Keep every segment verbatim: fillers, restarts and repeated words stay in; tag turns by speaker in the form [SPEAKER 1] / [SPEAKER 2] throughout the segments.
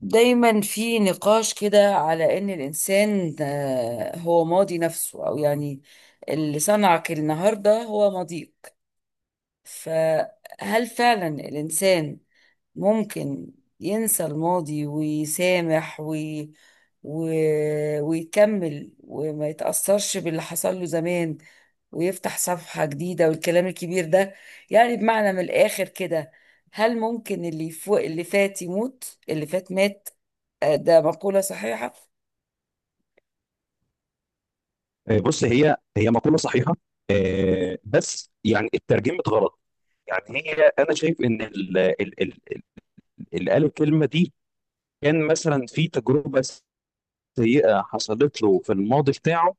[SPEAKER 1] دايما في نقاش كده على ان الانسان آه، هو ماضي نفسه او يعني اللي صنعك النهارده هو ماضيك. فهل فعلا الانسان ممكن ينسى الماضي ويسامح وي... و... ويكمل وما يتأثرش باللي حصل له زمان ويفتح صفحة جديدة والكلام الكبير ده. يعني بمعنى من الآخر كده، هل ممكن اللي فوق اللي فات يموت؟ اللي فات مات. آه، ده مقولة صحيحة.
[SPEAKER 2] آه، بص هي هي مقولة صحيحة. آه، بس يعني اترجمت غلط. يعني هي انا شايف ان ال- ال- ال- ال- اللي قال الكلمة دي كان مثلا في تجربة سيئة حصلت له في الماضي بتاعه،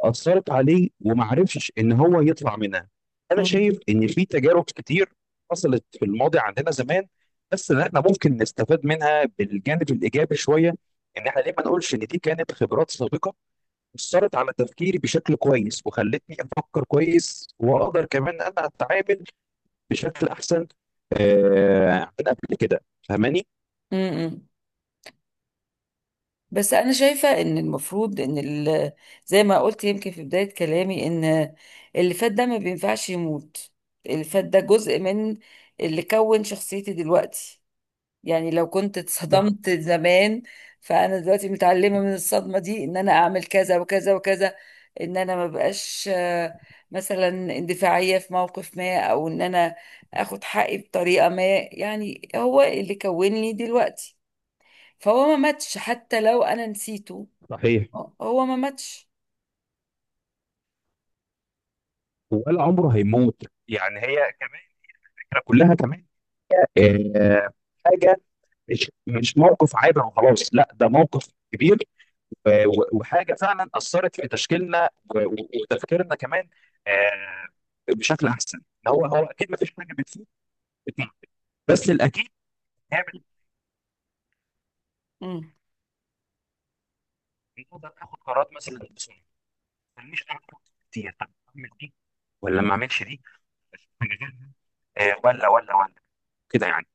[SPEAKER 2] أثرت عليه وما عرفش ان هو يطلع منها. انا
[SPEAKER 1] مم.
[SPEAKER 2] شايف ان في تجارب كتير حصلت في الماضي عندنا زمان، بس ان احنا ممكن نستفاد منها بالجانب الإيجابي شوية. ان احنا ليه ما نقولش ان دي كانت خبرات سابقة أثرت على تفكيري بشكل كويس وخلتني أفكر كويس وأقدر كمان أنا أتعامل بشكل أحسن آه، من قبل كده. فاهماني؟
[SPEAKER 1] امم. بس انا شايفه ان المفروض ان ال- زي ما قلت يمكن في بدايه كلامي ان اللي فات ده ما بينفعش يموت. اللي فات ده جزء من اللي كون شخصيتي دلوقتي. يعني لو كنت
[SPEAKER 2] صح.
[SPEAKER 1] اتصدمت زمان، فانا دلوقتي متعلمه من الصدمه دي ان انا اعمل كذا وكذا وكذا، ان انا ما بقاش آه، مثلا اندفاعيه في موقف ما، او ان انا اخد حقي بطريقه ما. يعني هو اللي كونني دلوقتي، فهو ما ماتش حتى لو انا نسيته.
[SPEAKER 2] صحيح.
[SPEAKER 1] هو ما ماتش.
[SPEAKER 2] ولا عمره هيموت. يعني هي كمان الفكرة كلها كمان، آه، حاجة مش مش موقف عابر وخلاص. لا، ده موقف كبير، آه، و- وحاجة فعلا أثرت في تشكيلنا و- و- وتفكيرنا كمان، آه، بشكل أحسن. هو هو أكيد ما فيش حاجة بتفيد بتنفع. بس الأكيد هي
[SPEAKER 1] مم.
[SPEAKER 2] نقدر ناخد قرارات مثلا بسرعه ما تخلينيش اعمل كتير. طب اعمل دي ولا ما اعملش دي؟ أشوف حاجة غيرها؟ آه، ولا ولا ولا كده يعني.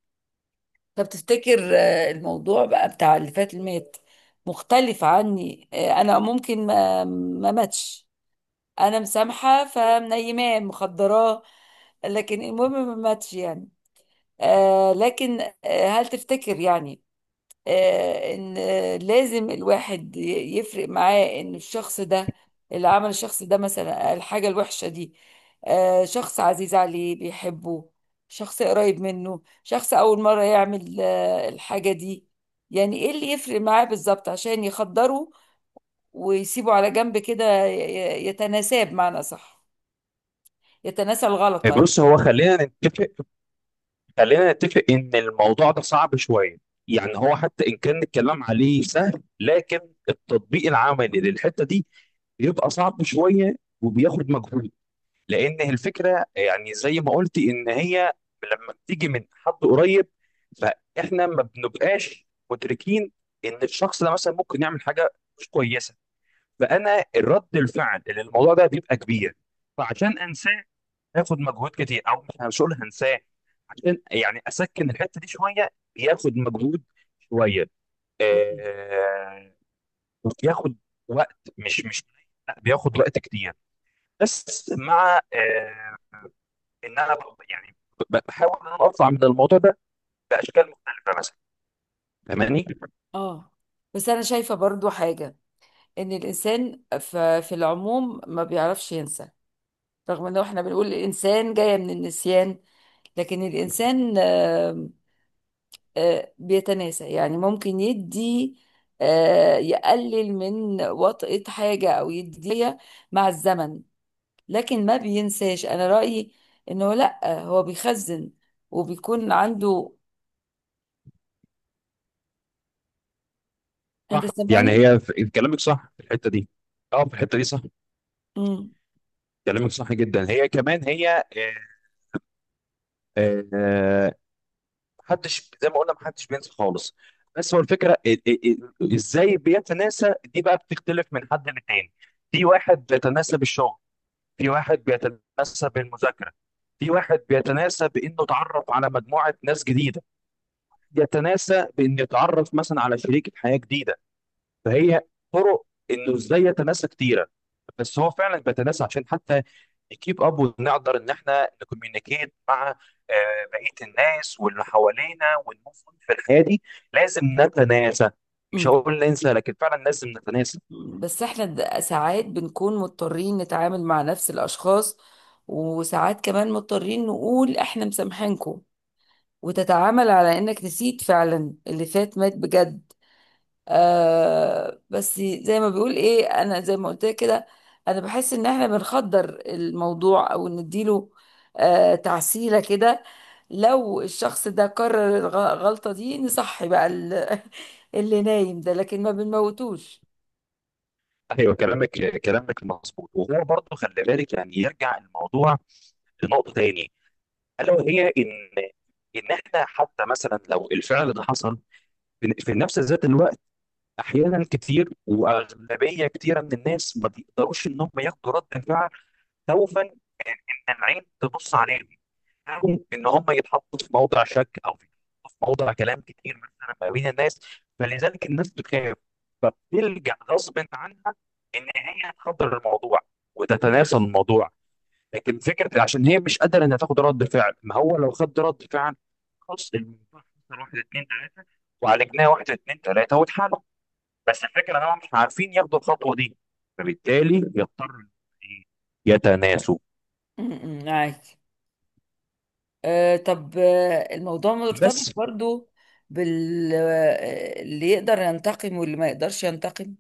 [SPEAKER 1] طب تفتكر آه، الموضوع بقى بتاع اللي فات اللي مات مختلف عني؟ آه، انا ممكن ما ما ماتش، انا مسامحه فمنيماه مخدراه، لكن المهم ما ماتش يعني. آه لكن آه هل تفتكر يعني آه ان آه لازم الواحد ي- يفرق معاه ان الشخص ده اللي عمل الشخص ده مثلا الحاجه الوحشه دي، آه شخص عزيز عليه بيحبه، شخص قريب منه، شخص اول مره يعمل آه الحاجه دي؟ يعني ايه اللي يفرق معاه بالظبط عشان يخدره ويسيبه على جنب كده، ي- ي- يتناساب معنى صح، يتناسى الغلط؟
[SPEAKER 2] آه،
[SPEAKER 1] طيب.
[SPEAKER 2] بص هو خلينا نتفق. خلينا نتفق ان الموضوع ده صعب شويه. يعني هو حتى ان كان الكلام عليه سهل، لكن التطبيق العملي للحته دي بيبقى صعب شويه وبياخد مجهود. لان الفكره يعني زي ما قلت ان هي لما بتيجي من حد قريب، فاحنا ما بنبقاش مدركين ان الشخص ده مثلا ممكن يعمل حاجه مش كويسه. فانا الرد الفعل اللي الموضوع ده بيبقى كبير. فعشان انساه هاخد مجهود كتير، او مش مش هقول هنساه، عشان يعني اسكن الحته دي شويه. بياخد مجهود شويه.
[SPEAKER 1] مم.
[SPEAKER 2] آه بياخد وقت مش مش، لا بياخد وقت كتير. بس مع آه ان انا ب- يعني ب- بحاول ان انا اطلع من الموضوع ده باشكال مختلفه مثلا. فاهماني؟
[SPEAKER 1] اه، بس انا شايفه برضو حاجه، ان الانسان ف- في العموم ما بيعرفش ينسى. رغم ان احنا بنقول الانسان جايه من النسيان، لكن الانسان آم، آه، بيتناسى. يعني ممكن يدي آه، يقلل من وطئة حاجه، او يديها مع الزمن، لكن ما بينساش. انا رايي انه لا، هو بيخزن وبيكون عنده. انت
[SPEAKER 2] صح. يعني
[SPEAKER 1] سامعني؟
[SPEAKER 2] هي في- كلامك صح في الحته دي. اه، في الحته دي صح. كلامك صح جدا. هي كمان هي آه، آه، آه، محدش زي ما قلنا محدش بينسى خالص. بس هو الفكره ال- ال- ال- ازاي بيتناسى دي بقى بتختلف من حد للتاني. في واحد بيتناسى بالشغل، في واحد بيتناسى بالمذاكره، في واحد بيتناسى بانه اتعرف على مجموعه ناس جديده، يتناسى بأن يتعرف مثلا على شريكة حياة جديدة. فهي طرق إنه إزاي يتناسى كتيرة. بس هو فعلا بيتناسى عشان حتى نكيب أب ونقدر إن إحنا نكوميونيكيت مع آه، بقية الناس واللي حوالينا ونموف في الحياة دي. لازم نتناسى. مش
[SPEAKER 1] امم.
[SPEAKER 2] هقول ننسى، لكن فعلا لازم نتناسى.
[SPEAKER 1] مم. بس احنا د- ساعات بنكون مضطرين نتعامل مع نفس الأشخاص، وساعات كمان مضطرين نقول احنا مسامحينكم، وتتعامل على انك نسيت فعلا اللي فات مات بجد. آه بس زي ما بيقول ايه، انا زي ما قلت لك كده، انا بحس ان احنا بنخدر الموضوع، او نديله آه تعسيلة كده. لو الشخص ده كرر الغ- الغلطة دي، نصحي بقى ال- اللي نايم ده، لكن ما بنموتوش.
[SPEAKER 2] ايوه، كلامك. كلامك مظبوط، وهو برضه خلي بالك يعني يرجع الموضوع لنقطه تاني. الا وهي ان ان احنا حتى مثلا لو الفعل ده حصل في في نفس ذات الوقت، احيانا كتير واغلبيه كتيره من الناس ما بيقدروا ان هم ياخدوا رد فعل، خوفا ان إن العين تبص عليهم، أو ان هم يتحطوا في موضع شك او في موضع كلام كتير مثلا ما بين الناس. فلذلك الناس بتخاف، فبتلجأ غصب عنها ان هي تحضر الموضوع وتتناسى الموضوع. لكن فكره عشان هي مش قادره انها تاخد رد فعل. ما هو لو خد رد فعل، خلاص الموضوع خسر واحد اتنين تلاته، وعالجناه واحد اتنين تلاته واتحل. بس الفكره ان هم مش عارفين ياخدوا الخطوه دي، فبالتالي يضطروا إن إيه؟ يتناسوا.
[SPEAKER 1] أمم، معاك. آه طب آه الموضوع مرتبط
[SPEAKER 2] بس
[SPEAKER 1] برضو بال آه، اللي يقدر ينتقم واللي ما يقدرش ينتقم.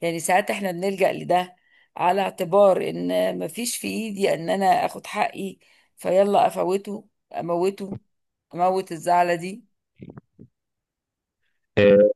[SPEAKER 1] يعني ساعات احنا بنلجأ لده على اعتبار ان مفيش في ايدي ان انا اخد حقي، فيلا افوته، اموته، اموت الزعلة دي.
[SPEAKER 2] آه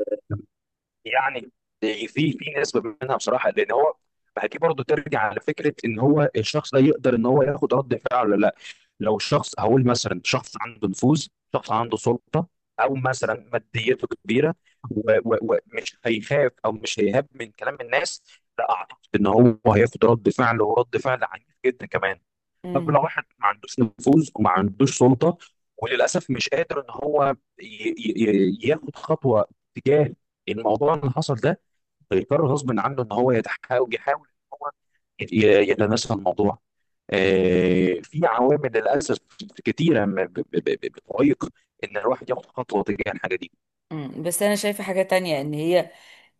[SPEAKER 2] يعني في في نسبه منها بصراحه لان هو، ما هي دي برضه ترجع على فكره ان هو الشخص ده يقدر ان هو ياخد رد فعل ولا. لو الشخص هقول مثلا شخص عنده نفوذ، شخص عنده سلطه، او مثلا ماديته كبيره و- و- ومش هيخاف او مش هيهاب من كلام الناس، لا اعتقد ان هو هياخد رد فعل، ورد فعل عنيف جدا كمان. طب لو واحد ما عندوش نفوذ وما عندوش سلطه، وللاسف مش قادر ان هو ي- ي- ي- ياخد خطوه تجاه الموضوع اللي حصل ده، هيضطر غصب عنه ان هو يتحاول يحاول ان هو ي- ي- يتناسى الموضوع. آه، في عوامل للاسف كتيره م- ب- ب- ب- بتعيق ان الواحد ياخد خطوه تجاه الحاجه دي.
[SPEAKER 1] مم. بس انا شايفة حاجة تانية، ان هي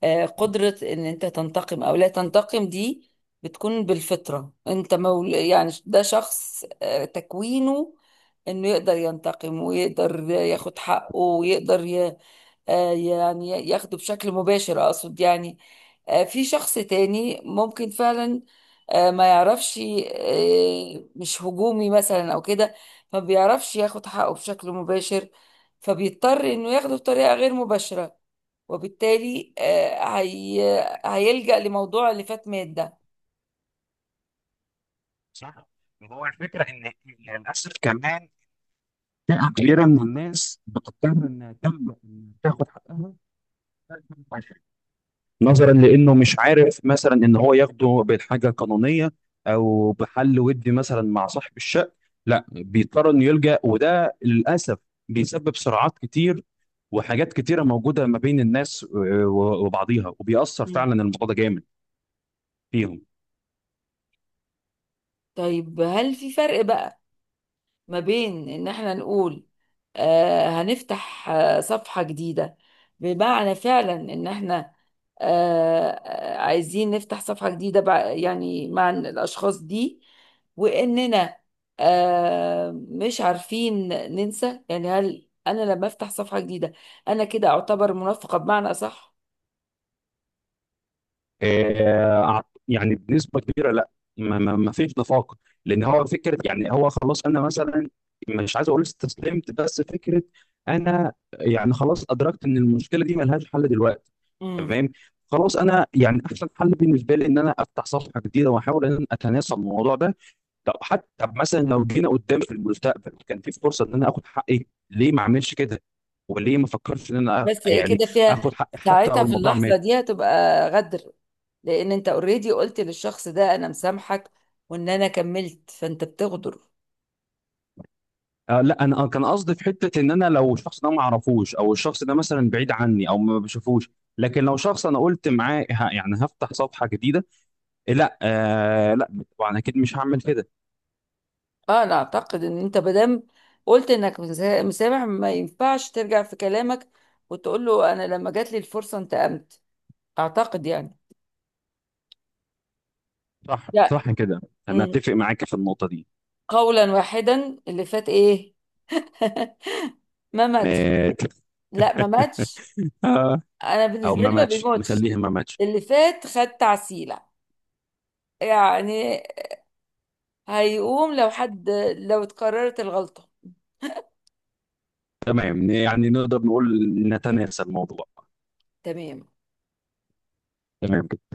[SPEAKER 1] آه، قدرة ان انت تنتقم او لا تنتقم دي، بتكون بالفطرة. انت مول يعني ده شخص آه، تكوينه انه يقدر ينتقم، ويقدر ياخد حقه، ويقدر ي... آه، يعني ياخده بشكل مباشر اقصد. يعني آه، في شخص تاني ممكن فعلا آه، ما يعرفش، آه، مش هجومي مثلا او كده، ما بيعرفش ياخد حقه بشكل مباشر، فبيضطر انه ياخده بطريقة غير مباشرة. وبالتالي آه، هي هيلجأ لموضوع اللي فات مات ده.
[SPEAKER 2] صح. هو الفكره ان للاسف كمان فئه كبيره من الناس بتضطر انها تلجأ إنها تاخد حقها، نظرا لانه مش عارف مثلا ان هو ياخده بالحاجه القانونيه او بحل ودي مثلا مع صاحب الشقه. لا بيضطر انه يلجأ، وده للاسف بيسبب صراعات كتير وحاجات كتيره موجوده ما بين الناس آه، و- وبعضيها، وبيأثر فعلا
[SPEAKER 1] مم.
[SPEAKER 2] الموضوع ده جامد فيهم.
[SPEAKER 1] طيب هل في فرق بقى ما بين ان احنا نقول آه هنفتح آه صفحة جديدة، بمعنى فعلا ان احنا آه آه، عايزين نفتح صفحة جديدة بع- يعني مع الاشخاص دي، واننا آه مش عارفين ننسى؟ يعني هل انا لما افتح صفحة جديدة انا كده اعتبر منافقة بمعنى صح؟
[SPEAKER 2] آه، أع- يعني بنسبه كبيره لا. ما ما- ما فيش نفاق. لان هو فكره، يعني هو خلاص، انا مثلا مش عايز اقول استسلمت، بس فكره، انا يعني خلاص ادركت ان المشكله دي ملهاش حل دلوقتي.
[SPEAKER 1] امم.
[SPEAKER 2] تمام. خلاص انا يعني احسن حل بالنسبه لي ان انا افتح صفحه جديده واحاول ان انا اتناسب الموضوع ده. طب حتى مثلا لو جينا قدام في المستقبل كان في فرصه ان انا اخد حقي، ليه ما اعملش كده؟ وليه ما فكرتش ان انا أ-
[SPEAKER 1] بس
[SPEAKER 2] يعني
[SPEAKER 1] كده فيها،
[SPEAKER 2] اخد حقي حتى
[SPEAKER 1] ساعتها
[SPEAKER 2] لو
[SPEAKER 1] في
[SPEAKER 2] الموضوع
[SPEAKER 1] اللحظة
[SPEAKER 2] مات؟
[SPEAKER 1] دي هتبقى غدر، لان انت اوريدي قلت للشخص ده انا مسامحك، وان انا كملت، فانت بتغدر.
[SPEAKER 2] آه لا، انا آه، كان قصدي في حته ان انا لو الشخص ده ما اعرفوش، او الشخص ده مثلا بعيد عني او ما بشوفوش. لكن لو شخص انا قلت معاه ه- يعني هفتح صفحه جديده، آه لا، آه لا، طبعا اكيد مش هعمل كده.
[SPEAKER 1] اه، انا اعتقد ان انت مادام قلت انك مسا- مسامح، ما ينفعش ترجع في كلامك وتقول له انا لما جات لي الفرصة انتقمت. اعتقد يعني.
[SPEAKER 2] صح،
[SPEAKER 1] لا.
[SPEAKER 2] صح كده. انا
[SPEAKER 1] أمم.
[SPEAKER 2] اتفق معاك في النقطه دي.
[SPEAKER 1] قولا واحدا، اللي فات ايه؟ ما ماتش.
[SPEAKER 2] مات.
[SPEAKER 1] لا، ما ماتش.
[SPEAKER 2] آه،
[SPEAKER 1] انا
[SPEAKER 2] او
[SPEAKER 1] بالنسبة
[SPEAKER 2] ما
[SPEAKER 1] لي ما
[SPEAKER 2] ماتش،
[SPEAKER 1] بيموتش.
[SPEAKER 2] نخليها ما ماتش.
[SPEAKER 1] اللي فات خد تعسيلة يعني، هيقوم لو حد، لو اتكررت الغلطة.
[SPEAKER 2] تمام، يعني نقدر نقول نتناسى الموضوع.
[SPEAKER 1] تمام.
[SPEAKER 2] تمام.